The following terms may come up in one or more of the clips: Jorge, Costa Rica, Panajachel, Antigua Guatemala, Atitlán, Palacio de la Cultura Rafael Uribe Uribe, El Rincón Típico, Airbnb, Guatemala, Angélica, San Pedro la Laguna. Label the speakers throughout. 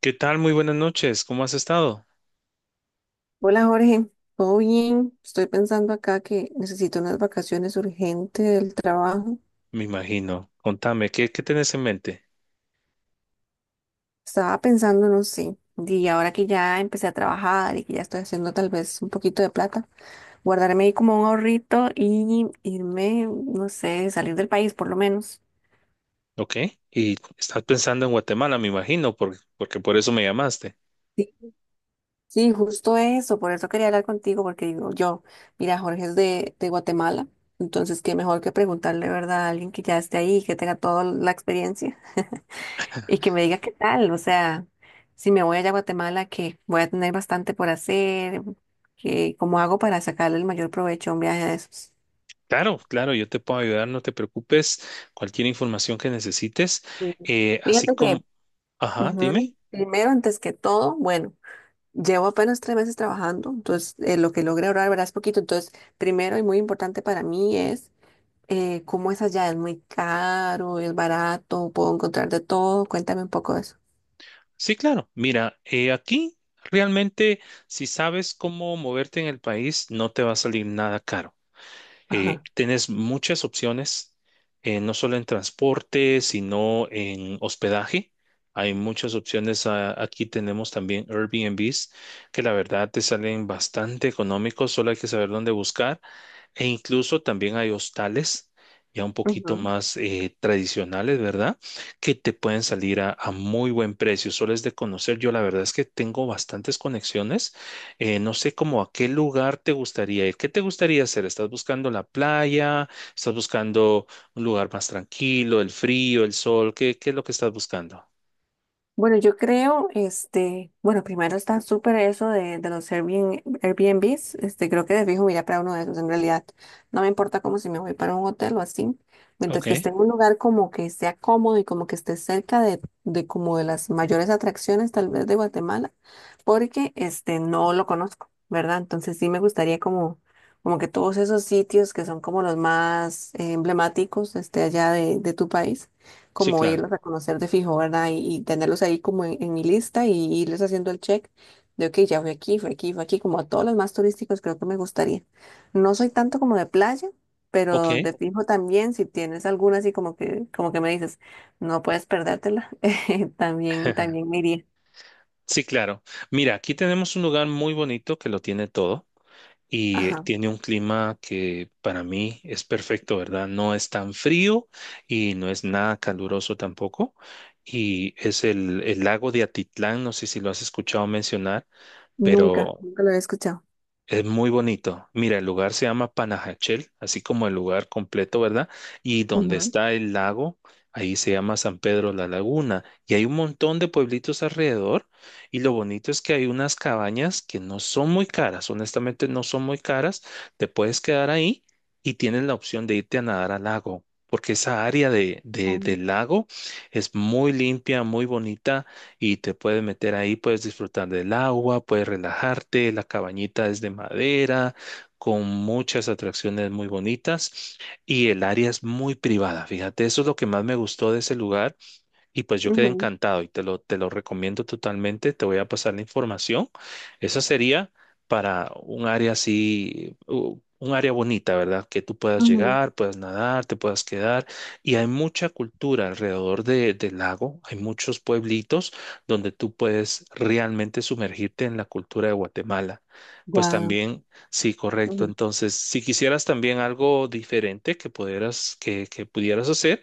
Speaker 1: ¿Qué tal? Muy buenas noches. ¿Cómo has estado?
Speaker 2: Hola Jorge, ¿todo bien? Estoy pensando acá que necesito unas vacaciones urgentes del trabajo.
Speaker 1: Me imagino. Contame, ¿qué tenés en mente?
Speaker 2: Estaba pensando, no sé, y ahora que ya empecé a trabajar y que ya estoy haciendo tal vez un poquito de plata, guardarme ahí como un ahorrito y irme, no sé, salir del país por lo menos.
Speaker 1: ¿Ok? Y estás pensando en Guatemala, me imagino, porque por eso me llamaste.
Speaker 2: Sí, sí, justo eso, por eso quería hablar contigo, porque digo yo, mira, Jorge es de Guatemala, entonces qué mejor que preguntarle, ¿verdad?, a alguien que ya esté ahí, que tenga toda la experiencia. Y que me diga qué tal, o sea, si me voy allá a Guatemala, que voy a tener bastante por hacer, que cómo hago para sacarle el mayor provecho a un viaje de esos.
Speaker 1: Claro, claro, yo te puedo ayudar, no te preocupes. Cualquier información que necesites.
Speaker 2: Sí.
Speaker 1: eh, así
Speaker 2: Fíjate
Speaker 1: como,
Speaker 2: que,
Speaker 1: ajá, dime.
Speaker 2: ujú, primero, antes que todo, bueno, llevo apenas 3 meses trabajando, entonces lo que logré ahorrar, verás, poquito. Entonces, primero y muy importante para mí es cómo es allá, ¿es muy caro, es barato, puedo encontrar de todo? Cuéntame un poco de eso.
Speaker 1: Sí, claro. Mira, aquí realmente, si sabes cómo moverte en el país, no te va a salir nada caro.
Speaker 2: Ajá.
Speaker 1: Tienes muchas opciones, no solo en transporte, sino en hospedaje. Hay muchas opciones. Aquí tenemos también Airbnbs, que la verdad te salen bastante económicos, solo hay que saber dónde buscar. E incluso también hay hostales ya un poquito más tradicionales, ¿verdad? Que te pueden salir a muy buen precio. Solo es de conocer. Yo la verdad es que tengo bastantes conexiones no sé cómo a qué lugar te gustaría ir. ¿Qué te gustaría hacer? ¿Estás buscando la playa? ¿Estás buscando un lugar más tranquilo, el frío, el sol? ¿Qué es lo que estás buscando?
Speaker 2: Bueno, yo creo, este, bueno, primero está súper eso de los Airbnb, Airbnbs, este, creo que de fijo me iría para uno de esos en realidad. No me importa como si me voy para un hotel o así,
Speaker 1: Ok,
Speaker 2: mientras que esté en un lugar como que sea cómodo y como que esté cerca de como de las mayores atracciones tal vez de Guatemala, porque este, no lo conozco, ¿verdad? Entonces sí me gustaría como, como que todos esos sitios que son como los más emblemáticos, este, allá de tu país
Speaker 1: sí,
Speaker 2: como ir
Speaker 1: claro.
Speaker 2: a reconocer de fijo, ¿verdad? Y tenerlos ahí como en mi lista y irles haciendo el check de, ok, ya fui aquí, fui aquí, fui aquí, como a todos los más turísticos creo que me gustaría. No soy tanto como de playa,
Speaker 1: Ok.
Speaker 2: pero de fijo también, si tienes alguna así como que me dices, no puedes perdértela, también, también me iría.
Speaker 1: Sí, claro. Mira, aquí tenemos un lugar muy bonito que lo tiene todo y
Speaker 2: Ajá,
Speaker 1: tiene un clima que para mí es perfecto, ¿verdad? No es tan frío y no es nada caluroso tampoco. Y es el lago de Atitlán, no sé si lo has escuchado mencionar,
Speaker 2: nunca,
Speaker 1: pero
Speaker 2: nunca lo había escuchado.
Speaker 1: es muy bonito. Mira, el lugar se llama Panajachel, así como el lugar completo, ¿verdad? Y donde
Speaker 2: Ujú.
Speaker 1: está el lago, ahí se llama San Pedro la Laguna. Y hay un montón de pueblitos alrededor. Y lo bonito es que hay unas cabañas que no son muy caras, honestamente no son muy caras. Te puedes quedar ahí y tienes la opción de irte a nadar al lago, porque esa área del lago es muy limpia, muy bonita y te puedes meter ahí, puedes disfrutar del agua, puedes relajarte, la cabañita es de madera, con muchas atracciones muy bonitas y el área es muy privada. Fíjate, eso es lo que más me gustó de ese lugar, y pues yo quedé
Speaker 2: Ujú,
Speaker 1: encantado y te lo recomiendo totalmente. Te voy a pasar la información. Esa sería para un área así, un área bonita, ¿verdad? Que tú puedas
Speaker 2: ujú.
Speaker 1: llegar, puedas nadar, te puedas quedar. Y hay mucha cultura alrededor del lago. Hay muchos pueblitos donde tú puedes realmente sumergirte en la cultura de Guatemala. Pues
Speaker 2: Guau.
Speaker 1: también, sí, correcto.
Speaker 2: Ujú.
Speaker 1: Entonces, si quisieras también algo diferente que pudieras, que pudieras hacer,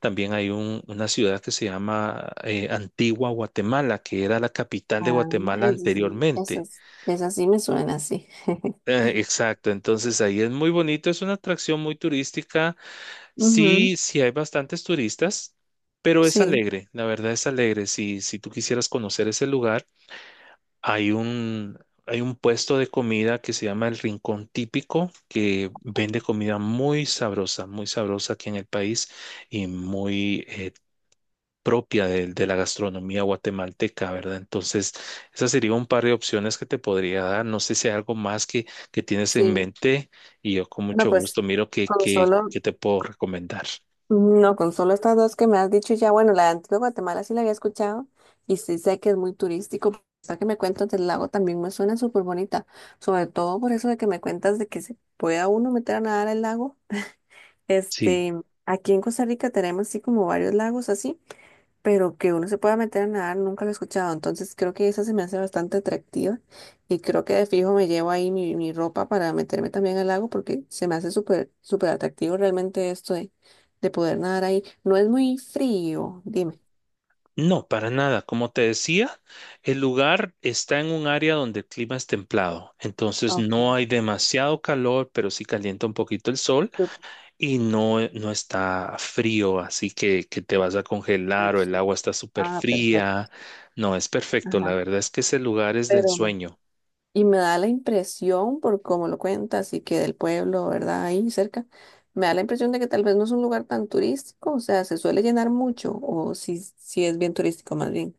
Speaker 1: también hay una ciudad que se llama Antigua Guatemala, que era la capital de
Speaker 2: Ah,
Speaker 1: Guatemala
Speaker 2: eso sí,
Speaker 1: anteriormente.
Speaker 2: esas, esas sí me suenan así.
Speaker 1: Exacto, entonces ahí es muy bonito, es una atracción muy turística.
Speaker 2: Ujú.
Speaker 1: Sí, sí hay bastantes turistas, pero es
Speaker 2: Sí.
Speaker 1: alegre, la verdad es alegre. Si tú quisieras conocer ese lugar, hay un, hay un puesto de comida que se llama El Rincón Típico, que vende comida muy sabrosa aquí en el país y muy propia de la gastronomía guatemalteca, ¿verdad? Entonces, esa sería un par de opciones que te podría dar. No sé si hay algo más que tienes en
Speaker 2: Sí,
Speaker 1: mente y yo con
Speaker 2: no,
Speaker 1: mucho
Speaker 2: pues
Speaker 1: gusto miro
Speaker 2: con solo,
Speaker 1: qué te puedo recomendar.
Speaker 2: no, con solo estas dos que me has dicho ya, bueno, la de Antigua Guatemala sí la había escuchado y sí sé que es muy turístico, pero esta que me cuentas del lago también me suena súper bonita, sobre todo por eso de que me cuentas de que se pueda uno meter a nadar al lago.
Speaker 1: Sí,
Speaker 2: Este, aquí en Costa Rica tenemos así como varios lagos así. Pero que uno se pueda meter a nadar, nunca lo he escuchado. Entonces creo que esa se me hace bastante atractiva y creo que de fijo me llevo ahí mi, mi ropa para meterme también al lago porque se me hace súper, súper atractivo realmente esto de poder nadar ahí. No es muy frío, dime.
Speaker 1: no, para nada. Como te decía, el lugar está en un área donde el clima es templado, entonces no
Speaker 2: Ok,
Speaker 1: hay demasiado calor, pero sí calienta un poquito el sol. Y no, no está frío, así que te vas a congelar
Speaker 2: súper,
Speaker 1: o el
Speaker 2: súper.
Speaker 1: agua está súper
Speaker 2: Ah,
Speaker 1: fría.
Speaker 2: perfecto.
Speaker 1: No, es perfecto.
Speaker 2: Ajá.
Speaker 1: La verdad es que ese lugar es de
Speaker 2: Pero
Speaker 1: ensueño.
Speaker 2: y me da la impresión, por cómo lo cuentas, y que del pueblo, ¿verdad? Ahí cerca, me da la impresión de que tal vez no es un lugar tan turístico, o sea, ¿se suele llenar mucho, o si, si es bien turístico más bien?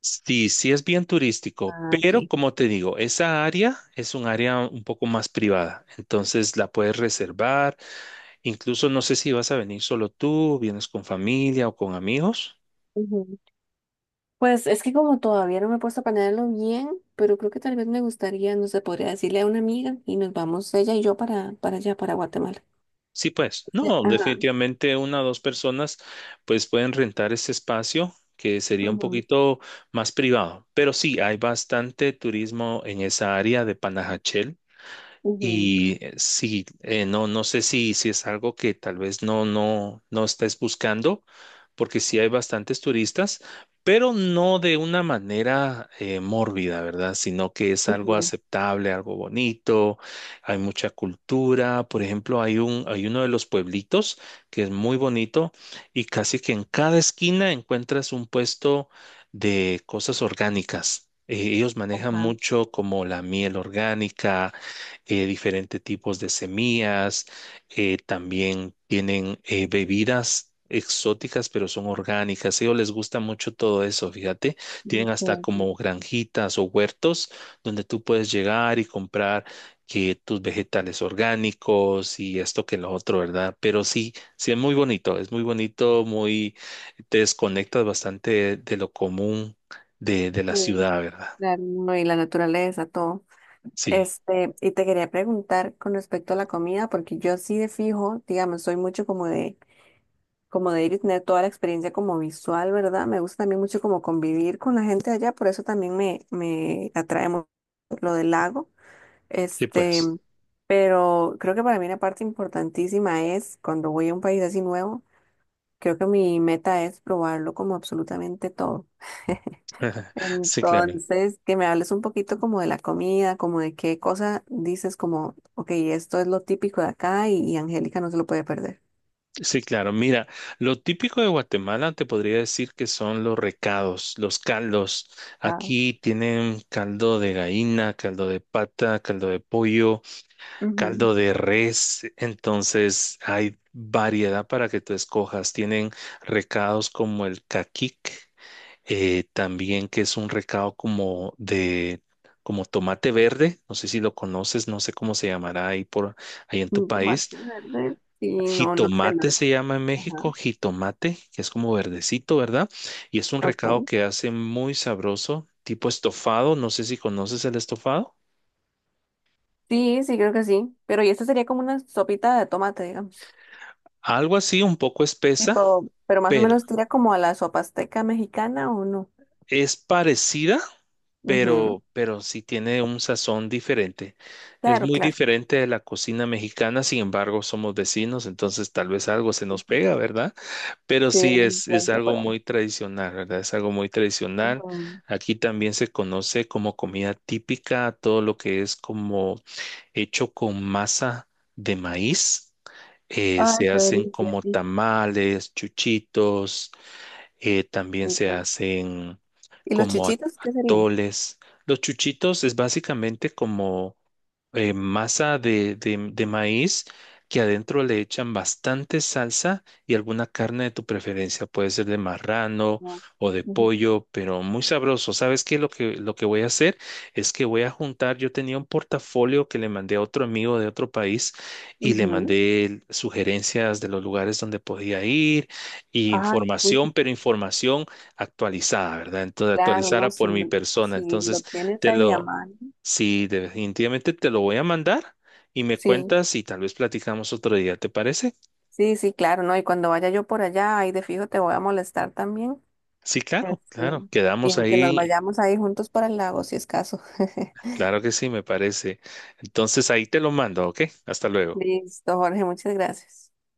Speaker 1: Sí, sí es bien turístico,
Speaker 2: Ah, ok.
Speaker 1: pero como te digo, esa área es un área un poco más privada, entonces la puedes reservar. Incluso no sé si vas a venir solo tú, vienes con familia o con amigos.
Speaker 2: Ujú. Pues es que como todavía no me he puesto a planearlo bien, pero creo que tal vez me gustaría, no sé, podría decirle a una amiga y nos vamos ella y yo para allá, para Guatemala.
Speaker 1: Sí, pues, no,
Speaker 2: Ajá.
Speaker 1: definitivamente una o dos personas pues pueden rentar ese espacio que sería un
Speaker 2: Ujú,
Speaker 1: poquito más privado, pero sí, hay bastante turismo en esa área de Panajachel.
Speaker 2: ujú,
Speaker 1: Y no, no sé si, si es algo que tal vez no estés buscando, porque sí hay bastantes turistas, pero no de una manera mórbida, ¿verdad? Sino que es algo
Speaker 2: ujú,
Speaker 1: aceptable, algo bonito, hay mucha cultura. Por ejemplo, hay uno de los pueblitos que es muy bonito y casi que en cada esquina encuentras un puesto de cosas orgánicas. Ellos manejan
Speaker 2: ajá,
Speaker 1: mucho como la miel orgánica diferentes tipos de semillas, también tienen bebidas exóticas, pero son orgánicas. A ellos les gusta mucho todo eso, fíjate. Tienen
Speaker 2: ok,
Speaker 1: hasta
Speaker 2: ok,
Speaker 1: como granjitas o huertos donde tú puedes llegar y comprar que tus vegetales orgánicos y esto que lo otro, ¿verdad? Pero sí, sí es muy bonito, muy, te desconectas bastante de lo común de la
Speaker 2: sí,
Speaker 1: ciudad, ¿verdad?
Speaker 2: claro, no, y la naturaleza, todo.
Speaker 1: Sí,
Speaker 2: Este, y te quería preguntar con respecto a la comida, porque yo sí de fijo, digamos, soy mucho como de ir y tener toda la experiencia como visual, ¿verdad? Me gusta también mucho como convivir con la gente allá, por eso también me atrae mucho lo del lago.
Speaker 1: sí,
Speaker 2: Este,
Speaker 1: pues.
Speaker 2: pero creo que para mí una parte importantísima es cuando voy a un país así nuevo, creo que mi meta es probarlo como absolutamente todo.
Speaker 1: Sí, claro.
Speaker 2: Entonces, que me hables un poquito como de la comida, como de qué cosa dices, como, ok, esto es lo típico de acá y Angélica no se lo puede perder.
Speaker 1: Sí, claro. Mira, lo típico de Guatemala te podría decir que son los recados, los caldos.
Speaker 2: Ah,
Speaker 1: Aquí tienen caldo de gallina, caldo de pata, caldo de pollo,
Speaker 2: ujú.
Speaker 1: caldo de res. Entonces hay variedad para que tú escojas. Tienen recados como el caquic, también que es un recado como de como tomate verde, no sé si lo conoces, no sé cómo se llamará ahí por ahí en tu
Speaker 2: Mm,
Speaker 1: país.
Speaker 2: tomate verde. Sí, no, no sé.
Speaker 1: Jitomate
Speaker 2: La-
Speaker 1: se llama en
Speaker 2: ajá.
Speaker 1: México, jitomate, que es como verdecito, ¿verdad? Y es un recado
Speaker 2: Okay.
Speaker 1: que hace muy sabroso, tipo estofado, no sé si conoces el estofado.
Speaker 2: Sí, sí, creo que sí. Pero y esta sería como una sopita de tomate, digamos.
Speaker 1: Algo así, un poco espesa,
Speaker 2: Tipo, pero más o
Speaker 1: pero
Speaker 2: menos tira como a la sopa azteca mexicana o no.
Speaker 1: es parecida,
Speaker 2: Ujú.
Speaker 1: pero sí tiene un sazón diferente. Es
Speaker 2: Claro,
Speaker 1: muy
Speaker 2: claro.
Speaker 1: diferente de la cocina mexicana, sin embargo, somos vecinos, entonces tal vez algo se nos pega,
Speaker 2: Ujú.
Speaker 1: ¿verdad? Pero
Speaker 2: Sí,
Speaker 1: sí,
Speaker 2: una
Speaker 1: es
Speaker 2: influencia
Speaker 1: algo
Speaker 2: por ahí.
Speaker 1: muy tradicional, ¿verdad? Es algo muy tradicional.
Speaker 2: Ujú.
Speaker 1: Aquí también se conoce como comida típica, todo lo que es como hecho con masa de maíz.
Speaker 2: Ay,
Speaker 1: Se
Speaker 2: qué
Speaker 1: hacen
Speaker 2: delicia,
Speaker 1: como
Speaker 2: sí.
Speaker 1: tamales, chuchitos, también se
Speaker 2: Ujú.
Speaker 1: hacen
Speaker 2: ¿Y los
Speaker 1: como
Speaker 2: chichitos qué serían?
Speaker 1: atoles. Los chuchitos es básicamente como masa de maíz que adentro le echan bastante salsa y alguna carne de tu preferencia. Puede ser de marrano o de
Speaker 2: Ujú,
Speaker 1: pollo, pero muy sabroso. ¿Sabes qué? Lo que voy a hacer es que voy a juntar. Yo tenía un portafolio que le mandé a otro amigo de otro país y le
Speaker 2: ujú.
Speaker 1: mandé sugerencias de los lugares donde podía ir y
Speaker 2: Ah, sí,
Speaker 1: información, pero información actualizada, ¿verdad? Entonces,
Speaker 2: claro, no,
Speaker 1: actualizada
Speaker 2: si
Speaker 1: por mi
Speaker 2: lo,
Speaker 1: persona.
Speaker 2: si lo
Speaker 1: Entonces,
Speaker 2: tienes
Speaker 1: te
Speaker 2: ahí a
Speaker 1: lo,
Speaker 2: mano.
Speaker 1: sí, definitivamente te lo voy a mandar y me
Speaker 2: Sí,
Speaker 1: cuentas y tal vez platicamos otro día, ¿te parece?
Speaker 2: sí, sí, claro, no. Y cuando vaya yo por allá, ahí de fijo te voy a molestar también.
Speaker 1: Sí, claro,
Speaker 2: Este,
Speaker 1: claro. Quedamos
Speaker 2: y que nos
Speaker 1: ahí.
Speaker 2: vayamos ahí juntos para el lago, si es caso.
Speaker 1: Claro que sí, me parece. Entonces, ahí te lo mando, ¿ok? Hasta luego.
Speaker 2: Listo, Jorge, muchas gracias.